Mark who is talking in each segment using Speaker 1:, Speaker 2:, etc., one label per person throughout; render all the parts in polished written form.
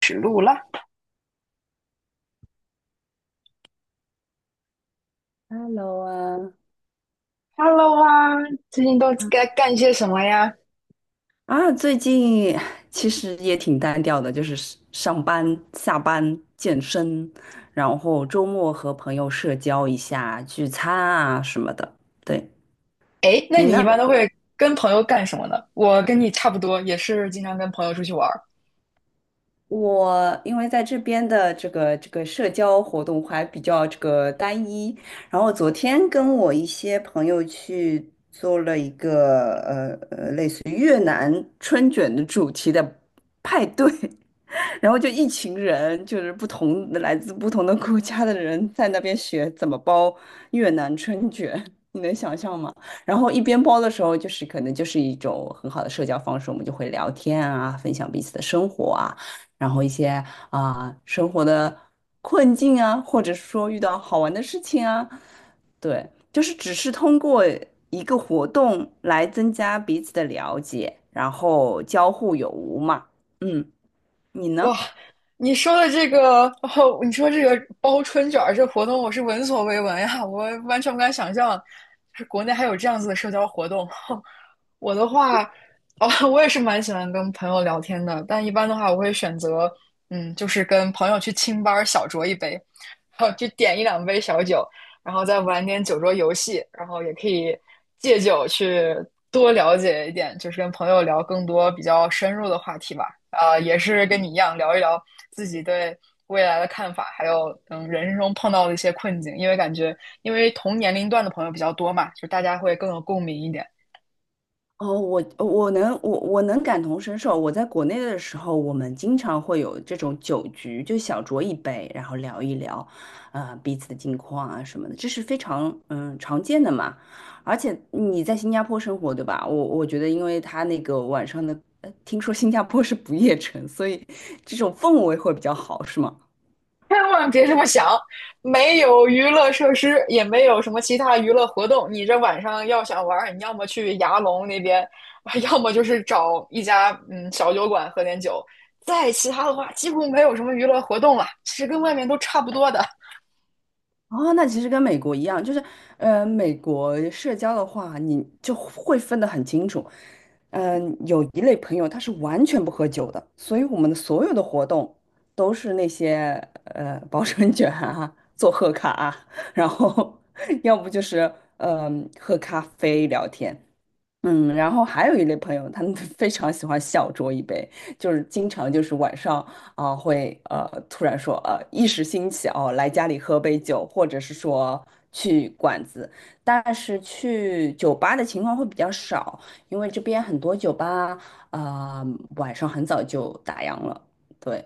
Speaker 1: 指路了。
Speaker 2: Hello 啊，
Speaker 1: Hello 啊，最近都该干些什么呀？
Speaker 2: 最近其实也挺单调的，就是是上班、下班、健身，然后周末和朋友社交一下、聚餐啊什么的。对，
Speaker 1: 哎，那
Speaker 2: 你
Speaker 1: 你一
Speaker 2: 呢？
Speaker 1: 般都 会跟朋友干什么呢？我跟你差不多，也是经常跟朋友出去玩儿。
Speaker 2: 我因为在这边的这个社交活动还比较这个单一，然后昨天跟我一些朋友去做了一个就是越南春卷的主题的派对，然后就一群人，就是不同的来自不同的国家的人在那边学怎么包越南春卷，你能想象吗？然后一边包的时候，就是可能就是一种很好的社交方式，我们就会聊天啊，分享彼此的生活啊，然后一些生活的困境啊，或者说遇到好玩的事情啊。对，就是只是通过一个活动来增加彼此的了解，然后交互有无嘛。嗯，你呢？
Speaker 1: 哇，你说的这个，哦，你说这个包春卷儿这活动，我是闻所未闻呀，我完全不敢想象，就是国内还有这样子的社交活动。我的话，哦，我也是蛮喜欢跟朋友聊天的，但一般的话，我会选择，嗯，就是跟朋友去清吧儿小酌一杯，然后就点一两杯小酒。然后再玩点酒桌游戏，然后也可以借酒去多了解一点，就是跟朋友聊更多比较深入的话题吧。啊，也是跟你一样聊一聊自己对未来的看法，还有人生中碰到的一些困境，因为感觉同年龄段的朋友比较多嘛，就大家会更有共鸣一点。
Speaker 2: 哦，我能感同身受。我在国内的时候，我们经常会有这种酒局，就小酌一杯，然后聊一聊，啊，彼此的近况啊什么的，这是非常常见的嘛。而且你在新加坡生活，对吧？我觉得，因为他那个晚上的，听说新加坡是不夜城，所以这种氛围会比较好，是吗？
Speaker 1: 千万别这么想，没有娱乐设施，也没有什么其他娱乐活动。你这晚上要想玩你要么去牙龙那边，要么就是找一家小酒馆喝点酒。再其他的话，几乎没有什么娱乐活动了，其实跟外面都差不多的。
Speaker 2: 哦，那其实跟美国一样，就是，呃，美国社交的话，你就会分得很清楚。嗯、有一类朋友他是完全不喝酒的，所以我们的所有的活动都是那些包春卷啊、做贺卡啊，然后 要不就是嗯、喝咖啡聊天，嗯，然后还有一类朋友，他们 非常喜欢小酌一杯，就是经常就是晚上啊、会突然说一时兴起哦来家里喝杯酒，或者是说去馆子，但是去酒吧的情况会比较少，因为这边很多酒吧啊、晚上很早就打烊了，对，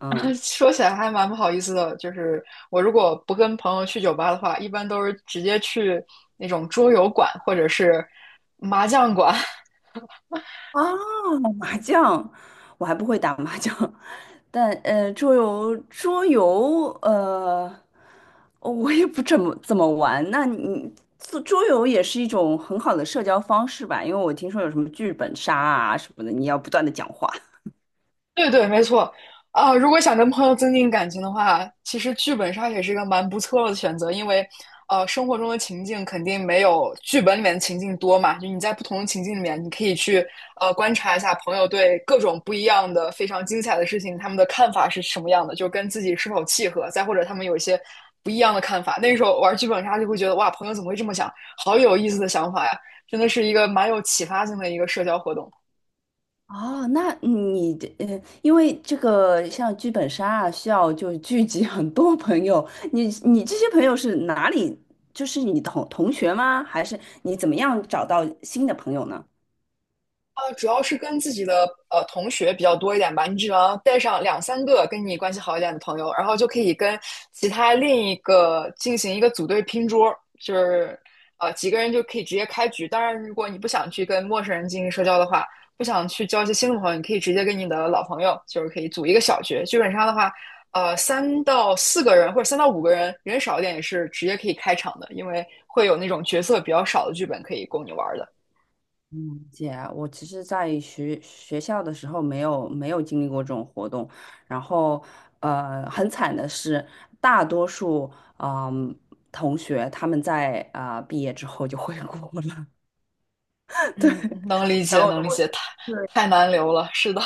Speaker 2: 嗯。
Speaker 1: 说起来还蛮不好意思的，就是我如果不跟朋友去酒吧的话，一般都是直接去那种桌游馆或者是麻将馆。
Speaker 2: 啊 麻将，我还不会打麻将，但桌游，哦，我也不怎么玩。那你做桌游也是一种很好的社交方式吧？因为我听说有什么剧本杀啊什么的，你要不断的讲话。
Speaker 1: 对对，没错啊，如果想跟朋友增进感情的话，其实剧本杀也是一个蛮不错的选择，因为生活中的情境肯定没有剧本里面的情境多嘛。就你在不同的情境里面，你可以去观察一下朋友对各种不一样的、非常精彩的事情，他们的看法是什么样的，就跟自己是否契合，再或者他们有一些不一样的看法。那时候玩剧本杀就会觉得哇，朋友怎么会这么想？好有意思的想法呀，真的是一个蛮有启发性的一个社交活动。
Speaker 2: 哦，那你的因为这个像剧本杀啊，需要就是聚集很多朋友。你这些朋友是哪里？就是你同学吗？还是你怎么样找到新的朋友呢？
Speaker 1: 主要是跟自己的同学比较多一点吧。你只要带上两三个跟你关系好一点的朋友，然后就可以跟其他另一个进行一个组队拼桌，就是几个人就可以直接开局。当然，如果你不想去跟陌生人进行社交的话，不想去交一些新的朋友，你可以直接跟你的老朋友，就是可以组一个小局。基本上的话，三到四个人或者三到五个人，人少一点也是直接可以开场的，因为会有那种角色比较少的剧本可以供你玩的。
Speaker 2: 嗯，姐，我其实，在学校的时候没有经历过这种活动，然后很惨的是，大多数嗯、同学他们在啊、毕业之后就回国了，对，
Speaker 1: 嗯，能理
Speaker 2: 然
Speaker 1: 解，
Speaker 2: 后
Speaker 1: 能理
Speaker 2: 我
Speaker 1: 解，太
Speaker 2: 对
Speaker 1: 难留了，是的。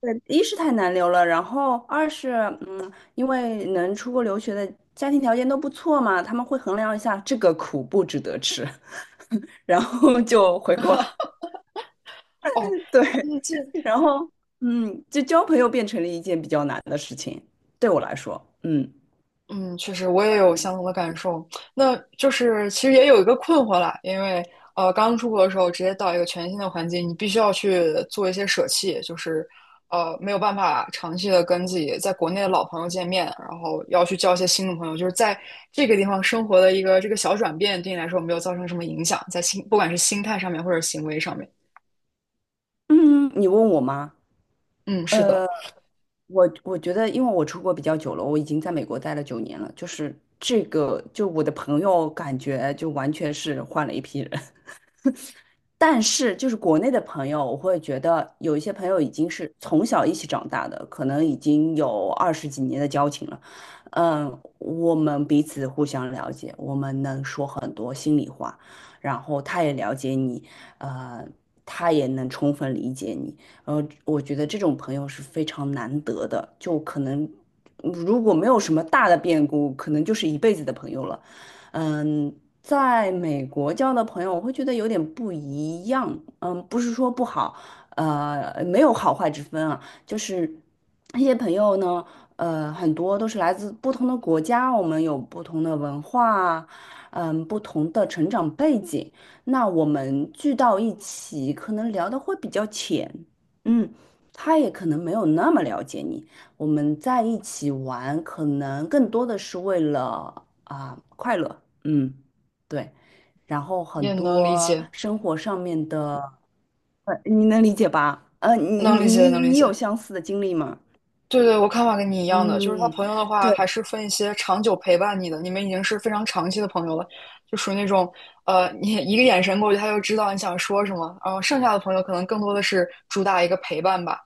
Speaker 2: 对，一是太难留了，然后二是嗯，因为能出国留学的家庭条件都不错嘛，他们会衡量一下这个苦不值得吃，然后就回国了。
Speaker 1: 哦，
Speaker 2: 对，
Speaker 1: 嗯，这，
Speaker 2: 然后嗯，就交朋友变成了一件比较难的事情，对我来说，
Speaker 1: 嗯，确实我也有相同的感受。那就是其实也有一个困惑啦，因为刚出国的时候直接到一个全新的环境，你必须要去做一些舍弃，就是没有办法长期的跟自己在国内的老朋友见面，然后要去交一些新的朋友，就是在这个地方生活的一个这个小转变，对你来说没有造成什么影响，在心，不管是心态上面或者行为上面。
Speaker 2: 嗯，你问我吗？
Speaker 1: 嗯，是的，
Speaker 2: 呃，我觉得，因为我出国比较久了，我已经在美国待了九年了，就是这个，就我的朋友感觉就完全是换了一批人，但是，就是国内的朋友，我会觉得有一些朋友已经是从小一起长大的，可能已经有二十几年的交情了。嗯，我们彼此互相了解，我们能说很多心里话，然后他也了解你，呃，他也能充分理解你。呃，我觉得这种朋友是非常难得的，就可能如果没有什么大的变故，可能就是一辈子的朋友了。嗯，在美国交的朋友，我会觉得有点不一样。嗯，不是说不好，呃，没有好坏之分啊，就是那些朋友呢，呃，很多都是来自不同的国家，我们有不同的文化，嗯，不同的成长背景，那我们聚到一起，可能聊的会比较浅，嗯，他也可能没有那么了解你。我们在一起玩，可能更多的是为了啊、快乐，嗯，对，然后很
Speaker 1: 也能理
Speaker 2: 多
Speaker 1: 解。
Speaker 2: 生活上面的，呃，你能理解吧？
Speaker 1: 能理解，能理
Speaker 2: 你有
Speaker 1: 解。
Speaker 2: 相似的经历吗？
Speaker 1: 对对，我看法跟你一样的，就是他
Speaker 2: 嗯，
Speaker 1: 朋友的话，
Speaker 2: 对
Speaker 1: 还是分一些长久陪伴你的，你们已经是非常长期的朋友了，就属于那种，你一个眼神过去，他就知道你想说什么。然后剩下的朋友可能更多的是主打一个陪伴吧，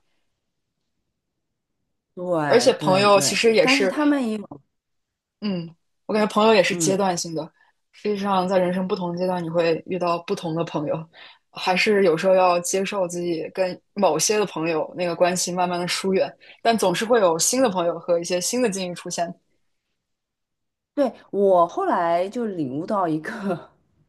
Speaker 1: 而
Speaker 2: 对
Speaker 1: 且朋
Speaker 2: 对
Speaker 1: 友其
Speaker 2: 对，
Speaker 1: 实也
Speaker 2: 但是
Speaker 1: 是
Speaker 2: 他们也有，
Speaker 1: 嗯，我感觉朋友也是阶
Speaker 2: 嗯，
Speaker 1: 段性的。实际上，在人生不同阶段，你会遇到不同的朋友，还是有时候要接受自己跟某些的朋友那个关系慢慢的疏远，但总是会有新的朋友和一些新的境遇出现。
Speaker 2: 对，我后来就领悟到一个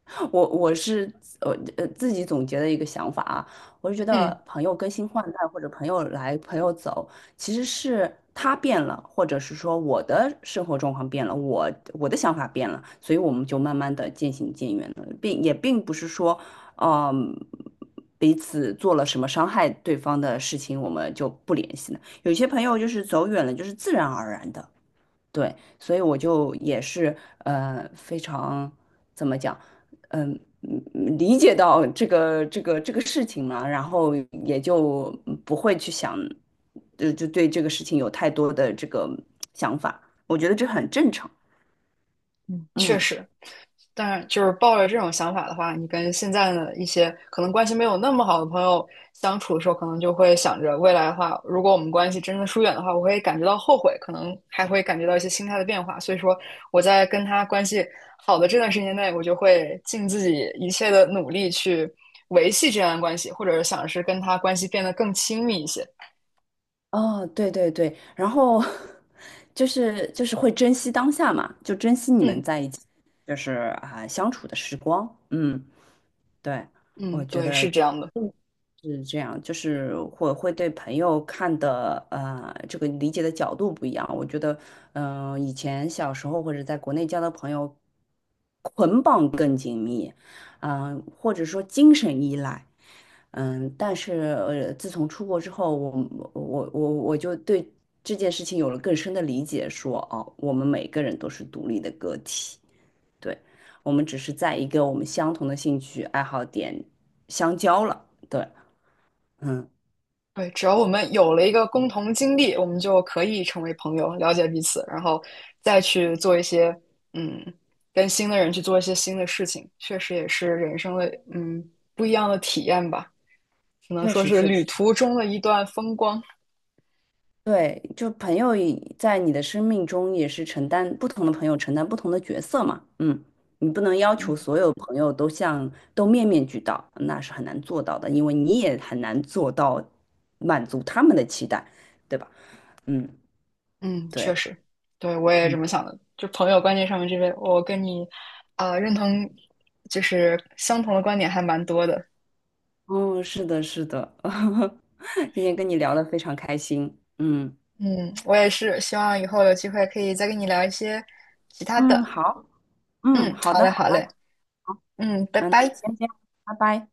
Speaker 2: 我是呃自己总结的一个想法啊，我是觉得
Speaker 1: 嗯，
Speaker 2: 朋友更新换代或者朋友来朋友走，其实是他变了，或者是说我的生活状况变了，我的想法变了，所以我们就慢慢的渐行渐远了，也并不是说，嗯，彼此做了什么伤害对方的事情，我们就不联系了。有些朋友就是走远了，就是自然而然的。对，所以我就也是非常怎么讲，嗯、嗯嗯理解到这个事情嘛，然后也就不会去想，就对这个事情有太多的这个想法，我觉得这很正常。
Speaker 1: 确
Speaker 2: 嗯，
Speaker 1: 实。当然，就是抱着这种想法的话，你跟现在的一些可能关系没有那么好的朋友相处的时候，可能就会想着未来的话，如果我们关系真的疏远的话，我会感觉到后悔，可能还会感觉到一些心态的变化。所以说，我在跟他关系好的这段时间内，我就会尽自己一切的努力去维系这样的关系，或者想是跟他关系变得更亲密一些。
Speaker 2: 哦，对对对，然后 就是会珍惜当下嘛，就
Speaker 1: 嗯
Speaker 2: 就是啊、相处的时光，嗯，对，
Speaker 1: 嗯，
Speaker 2: 我觉
Speaker 1: 对，
Speaker 2: 得。
Speaker 1: 是这样的。
Speaker 2: 嗯。是这样，就是会对朋友看的这个理解的角度不一样。我觉得，嗯、以前小时候或者在国内交的朋友，捆绑更紧密，嗯、或者说精神依赖，嗯、但是呃，自从出国之后，我我就对这件事情有了更深的理解说，哦，我们每个人都是独立的个体，对，我们只是在一个我们相同的兴趣爱好点相交了，对。嗯
Speaker 1: 对，只要我们有了一个共同经历，我们就可以成为朋友，了解彼此，然后再去做一些，嗯，跟新的人去做一些新的事情，确实也是人生的，嗯，不一样的体验吧，只能
Speaker 2: 确
Speaker 1: 说
Speaker 2: 实，
Speaker 1: 是
Speaker 2: 确
Speaker 1: 旅
Speaker 2: 实，
Speaker 1: 途中的一段风光。
Speaker 2: 对，就朋友在你的生命中也是承担不同的角色嘛，嗯，你不能要求
Speaker 1: 嗯
Speaker 2: 所有朋友都都面面俱到，那是很难做到的，因为你也很难做到满足他们的期待，对吧？嗯，
Speaker 1: 嗯，
Speaker 2: 对，
Speaker 1: 确实，对，我也这
Speaker 2: 嗯，
Speaker 1: 么想的。就朋友观念上面这边，我跟你，认同，就是相同的观点还蛮多的。
Speaker 2: 哦，是的，是的，今天跟你聊得非常开心，
Speaker 1: 嗯，我也是，希望以后有机会可以再跟你聊一些其他
Speaker 2: 嗯，
Speaker 1: 的。
Speaker 2: 好，嗯，
Speaker 1: 嗯，
Speaker 2: 好
Speaker 1: 好
Speaker 2: 的，
Speaker 1: 嘞，
Speaker 2: 好
Speaker 1: 好嘞，
Speaker 2: 的，
Speaker 1: 嗯，拜
Speaker 2: 嗯，那就
Speaker 1: 拜。
Speaker 2: 先这样，拜拜。